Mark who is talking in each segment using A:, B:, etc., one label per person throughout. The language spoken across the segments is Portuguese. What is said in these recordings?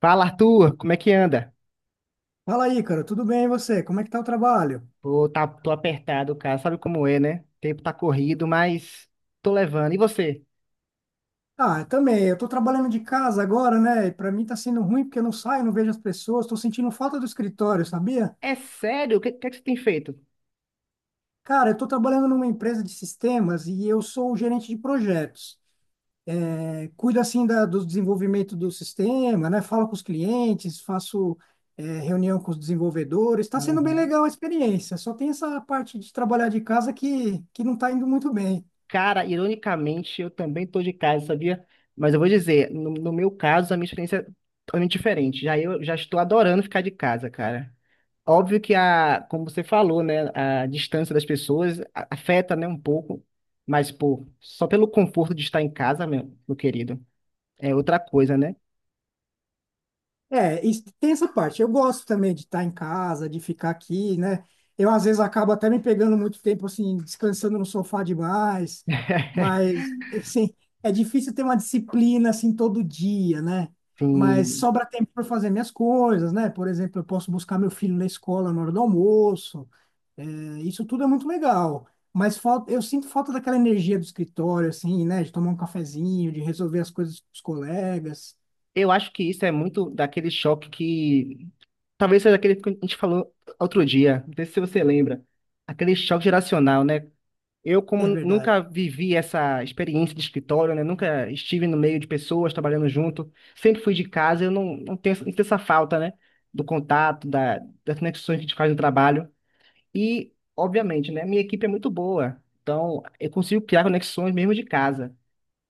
A: Fala, Arthur, como é que anda?
B: Fala aí, cara, tudo bem e você? Como é que tá o trabalho?
A: Pô, tá, tô apertado, cara. Sabe como é, né? O tempo tá corrido, mas tô levando. E você?
B: Ah, eu também, eu tô trabalhando de casa agora, né? E pra mim tá sendo ruim porque eu não saio, não vejo as pessoas, tô sentindo falta do escritório, sabia?
A: É sério? O que, que é que você tem feito?
B: Cara, eu tô trabalhando numa empresa de sistemas e eu sou o gerente de projetos. É, cuido assim do desenvolvimento do sistema, né? Falo com os clientes, faço reunião com os desenvolvedores. Tá sendo bem
A: Aham.
B: legal a experiência, só tem essa parte de trabalhar de casa que não tá indo muito bem.
A: Cara, ironicamente, eu também tô de casa, sabia? Mas eu vou dizer, no meu caso, a minha experiência é totalmente diferente. Já eu já estou adorando ficar de casa, cara. Óbvio que a, como você falou, né, a distância das pessoas afeta, né, um pouco, mas pô, só pelo conforto de estar em casa, meu querido, é outra coisa, né?
B: É, tem essa parte. Eu gosto também de estar em casa, de ficar aqui, né? Eu, às vezes, acabo até me pegando muito tempo, assim, descansando no sofá demais, mas, assim, é difícil ter uma disciplina, assim, todo dia, né? Mas
A: Sim,
B: sobra tempo para fazer minhas coisas, né? Por exemplo, eu posso buscar meu filho na escola na hora do almoço. É, isso tudo é muito legal. Mas falta, eu sinto falta daquela energia do escritório, assim, né? De tomar um cafezinho, de resolver as coisas com os colegas.
A: eu acho que isso é muito daquele choque que. Talvez seja daquele que a gente falou outro dia, não sei se você lembra. Aquele choque geracional, né? Eu,
B: É
A: como
B: verdade.
A: nunca vivi essa experiência de escritório, né? Nunca estive no meio de pessoas trabalhando junto, sempre fui de casa, eu não, não tenho essa falta, né? Do contato, das conexões que a gente faz no trabalho. E, obviamente, né? Minha equipe é muito boa, então eu consigo criar conexões mesmo de casa.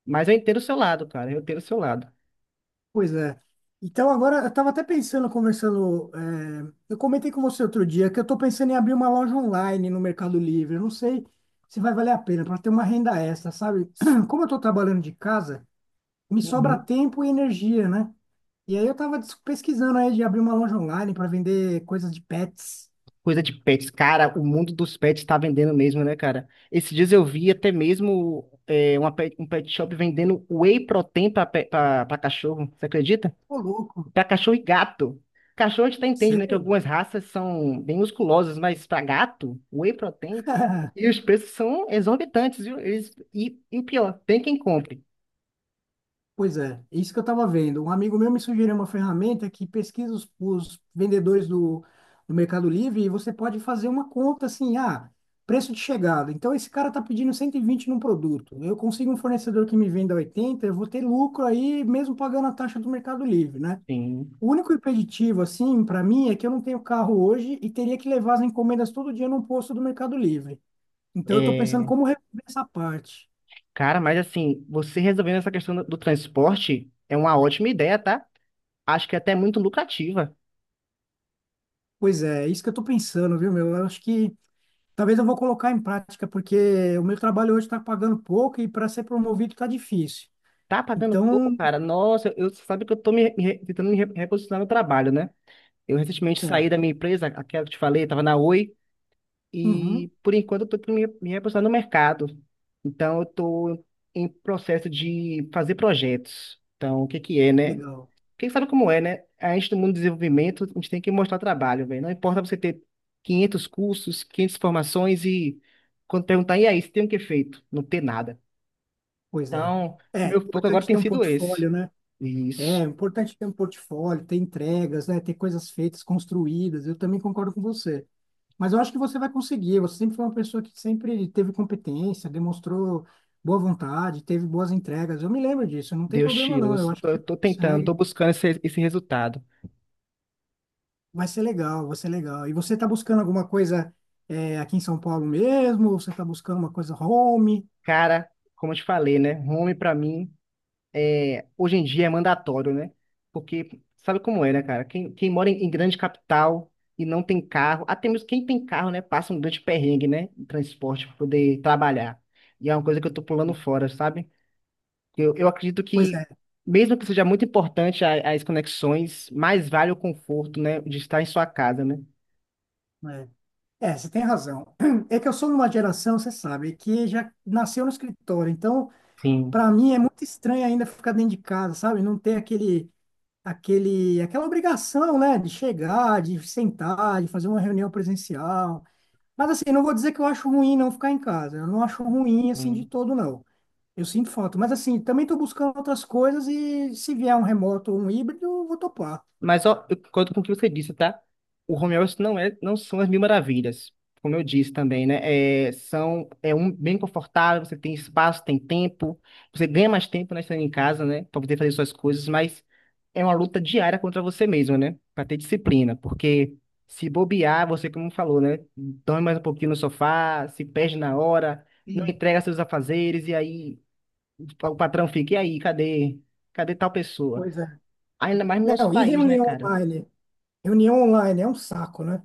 A: Mas eu entendo o seu lado, cara, eu entendo o seu lado.
B: Pois é. Então, agora, eu estava até pensando, conversando. Eu comentei com você outro dia que eu estou pensando em abrir uma loja online no Mercado Livre. Eu não sei se vai valer a pena para ter uma renda extra, sabe? Como eu estou trabalhando de casa, me sobra tempo e energia, né? E aí eu estava pesquisando aí de abrir uma loja online para vender coisas de pets.
A: Coisa de pets. Cara, o mundo dos pets tá vendendo mesmo, né, cara? Esses dias eu vi até mesmo um pet shop vendendo whey protein pra cachorro. Você acredita?
B: Ô, louco,
A: Pra cachorro e gato. Cachorro a gente até entende, né, que
B: sério?
A: algumas raças são bem musculosas, mas pra gato, whey protein. E os preços são exorbitantes, viu? Eles, e o pior, tem quem compre.
B: Pois é, é isso que eu estava vendo. Um amigo meu me sugeriu uma ferramenta que pesquisa os vendedores do Mercado Livre e você pode fazer uma conta assim, ah, preço de chegada. Então esse cara está pedindo 120 num produto. Eu consigo um fornecedor que me venda 80, eu vou ter lucro aí mesmo pagando a taxa do Mercado Livre, né?
A: Sim.
B: O único impeditivo assim para mim é que eu não tenho carro hoje e teria que levar as encomendas todo dia num posto do Mercado Livre. Então eu estou pensando
A: É,
B: como resolver essa parte.
A: cara, mas assim, você resolvendo essa questão do transporte é uma ótima ideia, tá? Acho que é até muito lucrativa.
B: Pois é, é isso que eu estou pensando, viu, meu? Eu acho que talvez eu vou colocar em prática, porque o meu trabalho hoje está pagando pouco e para ser promovido está difícil.
A: Tá pagando pouco,
B: Então,
A: cara. Nossa, eu sabe que eu tô tentando me reposicionar no trabalho, né? Eu recentemente saí da
B: certo.
A: minha empresa, aquela que eu te falei, tava na Oi,
B: Uhum,
A: e por enquanto eu tô tentando me reposicionar no mercado. Então eu tô em processo de fazer projetos. Então, o que que é, né?
B: legal.
A: Quem sabe como é, né? A gente do mundo do desenvolvimento, a gente tem que mostrar trabalho, velho. Não importa você ter 500 cursos, 500 formações e quando perguntar, e aí, você tem o que feito? Não ter nada.
B: Pois é.
A: Então,
B: É
A: meu foco agora
B: importante
A: tem
B: ter um
A: sido esse.
B: portfólio, né? É
A: Isso.
B: importante ter um portfólio, ter entregas, né? Ter coisas feitas, construídas. Eu também concordo com você. Mas eu acho que você vai conseguir. Você sempre foi uma pessoa que sempre teve competência, demonstrou boa vontade, teve boas entregas. Eu me lembro disso. Não tem
A: Deus
B: problema,
A: te
B: não. Eu
A: ouça.
B: acho que
A: Tô,
B: você
A: tô tentando, tô
B: consegue.
A: buscando esse resultado.
B: Vai ser legal, vai ser legal. E você está buscando alguma coisa aqui em São Paulo mesmo? Ou você está buscando uma coisa home?
A: Cara, como eu te falei, né? Home pra mim, hoje em dia é mandatório, né? Porque sabe como é, né, cara? Quem mora em grande capital e não tem carro, até mesmo quem tem carro, né, passa um grande perrengue, né? Em transporte pra poder trabalhar. E é uma coisa que eu tô pulando fora, sabe? Eu acredito
B: Pois
A: que,
B: é,
A: mesmo que seja muito importante as conexões, mais vale o conforto, né? De estar em sua casa, né?
B: né? É, você tem razão. É que eu sou de uma geração, você sabe, que já nasceu no escritório. Então,
A: Sim.
B: para mim é muito estranho ainda ficar dentro de casa, sabe? Não ter aquela obrigação, né, de chegar, de sentar, de fazer uma reunião presencial. Mas assim, não vou dizer que eu acho ruim não ficar em casa. Eu não acho ruim assim de
A: Sim.
B: todo, não. Eu sinto falta. Mas assim, também estou buscando outras coisas e se vier um remoto ou um híbrido, eu vou topar.
A: Mas ó, eu concordo com o que você disse, tá? O home office não é, não são as mil maravilhas, como eu disse também, né? É, são, é um bem confortável, você tem espaço, tem tempo, você ganha mais tempo, né, estando em casa, né, para poder fazer suas coisas, mas é uma luta diária contra você mesmo, né? Para ter disciplina, porque se bobear, você, como falou, né, dorme mais um pouquinho no sofá, se perde na hora, não
B: Sim.
A: entrega seus afazeres, e aí o patrão fica, e aí, cadê? Cadê tal pessoa?
B: Pois é.
A: Ainda mais no nosso
B: Não, e
A: país, né,
B: reunião
A: cara?
B: online? Reunião online é um saco, né?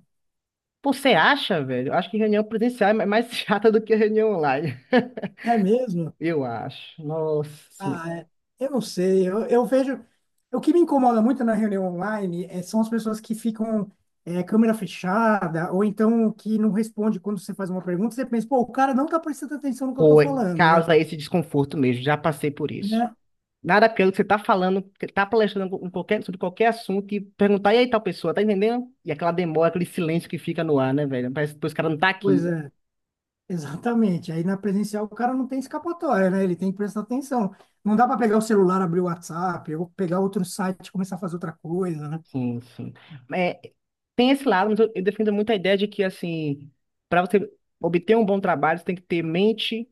A: Pô, você acha, velho? Eu acho que reunião presencial é mais chata do que reunião online.
B: É mesmo?
A: Eu acho. Nossa
B: Ah,
A: senhora.
B: é. Eu não sei. Eu vejo. O que me incomoda muito na reunião online são as pessoas que ficam câmera fechada, ou então que não responde quando você faz uma pergunta. Você pensa, pô, o cara não tá prestando atenção no que eu tô
A: Pô,
B: falando, né?
A: causa esse desconforto mesmo. Já passei por isso.
B: Né?
A: Nada pelo que você tá falando, que tá palestrando em sobre qualquer assunto e perguntar, e aí tal pessoa, tá entendendo? E aquela demora, aquele silêncio que fica no ar, né, velho? Parece que os caras não tá
B: Pois
A: aqui.
B: é. Exatamente. Aí na presencial o cara não tem escapatória, né? Ele tem que prestar atenção. Não dá para pegar o celular, abrir o WhatsApp, ou pegar outro site e começar a fazer outra coisa, né?
A: Sim, sim. É, tem esse lado, mas eu defendo muito a ideia de que, assim, para você obter um bom trabalho, você tem que ter mente,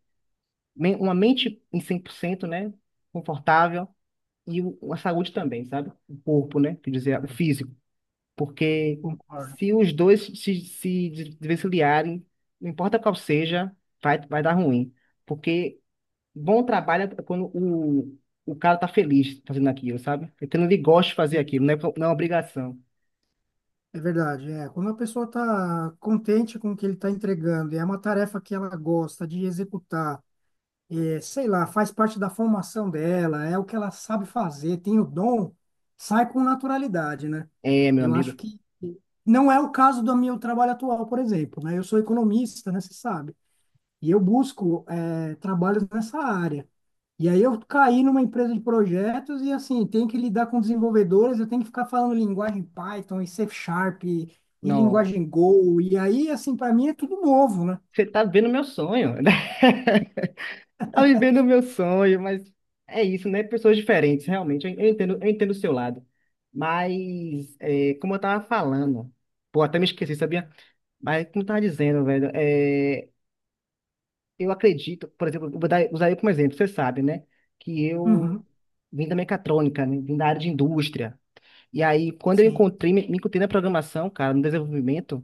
A: men- uma mente em 100%, né? Confortável e a saúde também, sabe? O corpo, né? Quer dizer, o
B: É,
A: físico. Porque
B: concordo.
A: se os dois se desvencilharem, não importa qual seja, vai dar ruim. Porque bom trabalho é quando o cara tá feliz fazendo aquilo, sabe? É quando ele gosta de fazer aquilo, não é obrigação.
B: É verdade, é. Quando a pessoa está contente com o que ele está entregando, e é uma tarefa que ela gosta de executar, sei lá, faz parte da formação dela, é o que ela sabe fazer, tem o dom, sai com naturalidade, né?
A: É, meu
B: Eu acho
A: amigo,
B: que não é o caso do meu trabalho atual, por exemplo, né? Eu sou economista, né? Você sabe. E eu busco, trabalhos nessa área. E aí eu caí numa empresa de projetos e assim, tem que lidar com desenvolvedores, eu tenho que ficar falando linguagem Python e C Sharp e
A: não,
B: linguagem Go. E aí, assim, para mim é tudo novo, né?
A: você tá vendo meu sonho, né? Tá vivendo o meu sonho, mas é isso, né? Pessoas diferentes, realmente. Eu entendo o seu lado. Mas, como eu tava falando, pô, até me esqueci, sabia? Mas, como eu tava dizendo, velho, eu acredito, por exemplo, eu vou usar eu como exemplo, você sabe, né? Que eu
B: Uhum,
A: vim da mecatrônica, né? Vim da área de indústria. E aí, quando eu
B: sim,
A: encontrei, me, me encontrei na programação, cara, no desenvolvimento.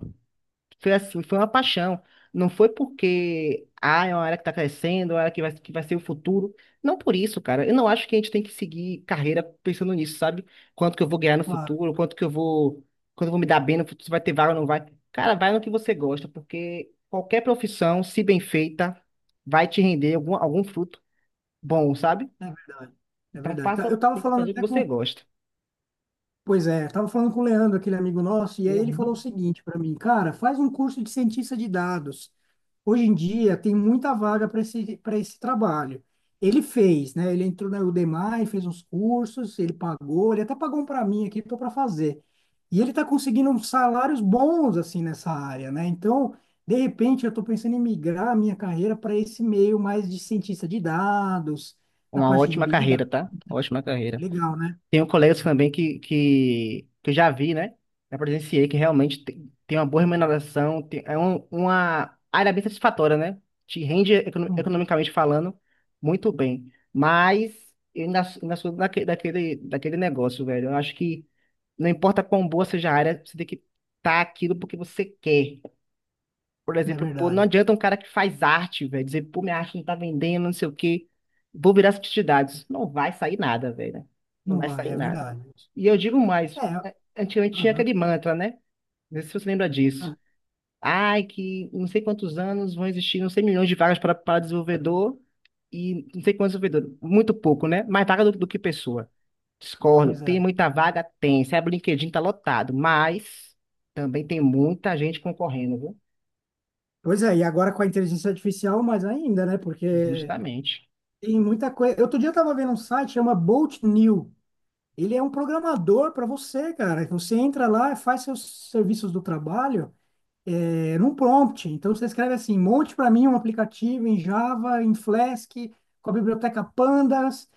A: Foi assim, foi uma paixão. Não foi porque, é uma área que está crescendo, é uma área que vai ser o futuro. Não por isso, cara. Eu não acho que a gente tem que seguir carreira pensando nisso, sabe? Quanto que eu vou ganhar no
B: claro,
A: futuro, quanto eu vou me dar bem no futuro, se vai ter vaga ou não vai. Cara, vai no que você gosta, porque qualquer profissão, se bem feita, vai te render algum fruto bom, sabe?
B: é verdade. É
A: Então
B: verdade. Tá,
A: passa,
B: eu estava
A: tem que
B: falando
A: fazer o que
B: até
A: você
B: com,
A: gosta.
B: pois é, tava falando com o Leandro, aquele amigo nosso, e aí ele falou o
A: Uhum.
B: seguinte para mim, cara, faz um curso de cientista de dados. Hoje em dia tem muita vaga para esse trabalho. Ele fez, né? Ele entrou na Udemy, fez uns cursos, ele pagou, ele até pagou um para mim aqui, estou para fazer. E ele está conseguindo uns salários bons assim nessa área, né? Então, de repente, eu estou pensando em migrar a minha carreira para esse meio mais de cientista de dados, na
A: Uma
B: parte de
A: ótima
B: Big Data.
A: carreira, tá? Ótima carreira.
B: Legal, né?
A: Tenho colegas também que eu já vi, né? Já presenciei que realmente tem uma boa remuneração, uma área bem satisfatória, né? Te rende
B: Hum,
A: economicamente falando muito bem. Mas eu ainda sou daquele negócio, velho. Eu acho que não importa quão boa seja a área, você tem que estar aquilo porque você quer. Por
B: é
A: exemplo, pô, não
B: verdade.
A: adianta um cara que faz arte, velho, dizer, pô, minha arte não tá vendendo, não sei o quê, vou virar publicidade. Não vai sair nada, velho, né? Não
B: Não
A: vai
B: vai,
A: sair
B: é
A: nada.
B: verdade.
A: E eu digo mais,
B: É,
A: antigamente tinha
B: aham,
A: aquele mantra, né? Não sei se você lembra disso.
B: ah,
A: Ai, que não sei quantos anos vão existir, não sei milhões de vagas para desenvolvedor e não sei quantos desenvolvedores. Muito pouco, né? Mais vaga do que pessoa. Discordo.
B: pois
A: Tem
B: é.
A: muita vaga? Tem. Se abre o LinkedIn, tá lotado. Mas também tem muita gente concorrendo, viu?
B: Pois é, e agora com a inteligência artificial, mais ainda, né? Porque
A: Justamente.
B: tem muita coisa. Outro dia eu tava vendo um site, chama Bolt New. Ele é um programador para você, cara. Você entra lá, faz seus serviços do trabalho num prompt. Então você escreve assim, monte para mim um aplicativo em Java, em Flask, com a biblioteca Pandas,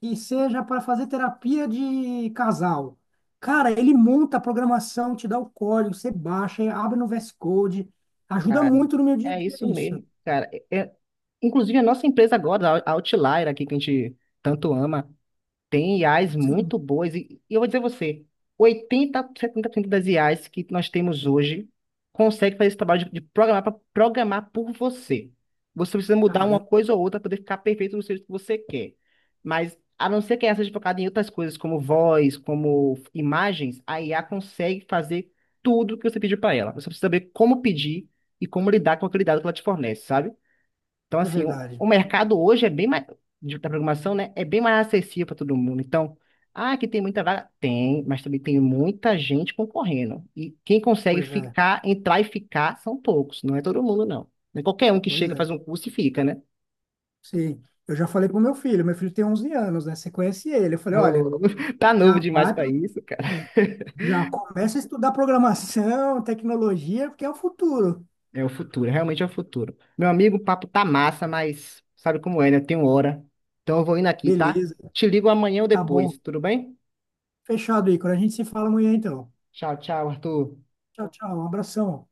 B: que seja para fazer terapia de casal. Cara, ele monta a programação, te dá o código, você baixa, abre no VS Code. Ajuda muito no meu dia a
A: É
B: dia
A: isso
B: isso.
A: mesmo, cara. Inclusive, a nossa empresa agora, a Outlier, aqui que a gente tanto ama, tem IAs
B: Sim,
A: muito boas, e eu vou dizer a você, 80, 70% das IAs que nós temos hoje consegue fazer esse trabalho de programar para programar por você. Você precisa mudar uma
B: caramba,
A: coisa ou outra para poder ficar perfeito no jeito que você quer. Mas, a não ser que essa seja focada em outras coisas, como voz, como imagens, a IA consegue fazer tudo que você pediu para ela. Você precisa saber como pedir e como lidar com aquele dado que ela te fornece, sabe? Então,
B: é
A: assim, o,
B: verdade.
A: o mercado hoje é bem mais, da programação, né? É bem mais acessível para todo mundo. Então, que tem muita vaga? Tem, mas também tem muita gente concorrendo. E quem consegue
B: Pois é,
A: ficar, entrar e ficar são poucos, não é todo mundo, não. Não é qualquer um que
B: pois
A: chega, faz
B: é.
A: um curso e fica, né?
B: Sim, eu já falei pro meu filho tem 11 anos, né? Você conhece ele. Eu falei, olha,
A: Ô, tá novo
B: já
A: demais
B: vai
A: para
B: para
A: isso, cara.
B: já começa a estudar programação, tecnologia, porque é o futuro.
A: É o futuro, realmente é o futuro. Meu amigo, o papo tá massa, mas sabe como é, né? Tem hora. Então eu vou indo aqui, tá?
B: Beleza,
A: Te ligo amanhã ou
B: tá bom.
A: depois, tudo bem?
B: Fechado, aí. Quando a gente se fala amanhã, então.
A: Tchau, tchau, Arthur.
B: Tchau, tchau. Um abração.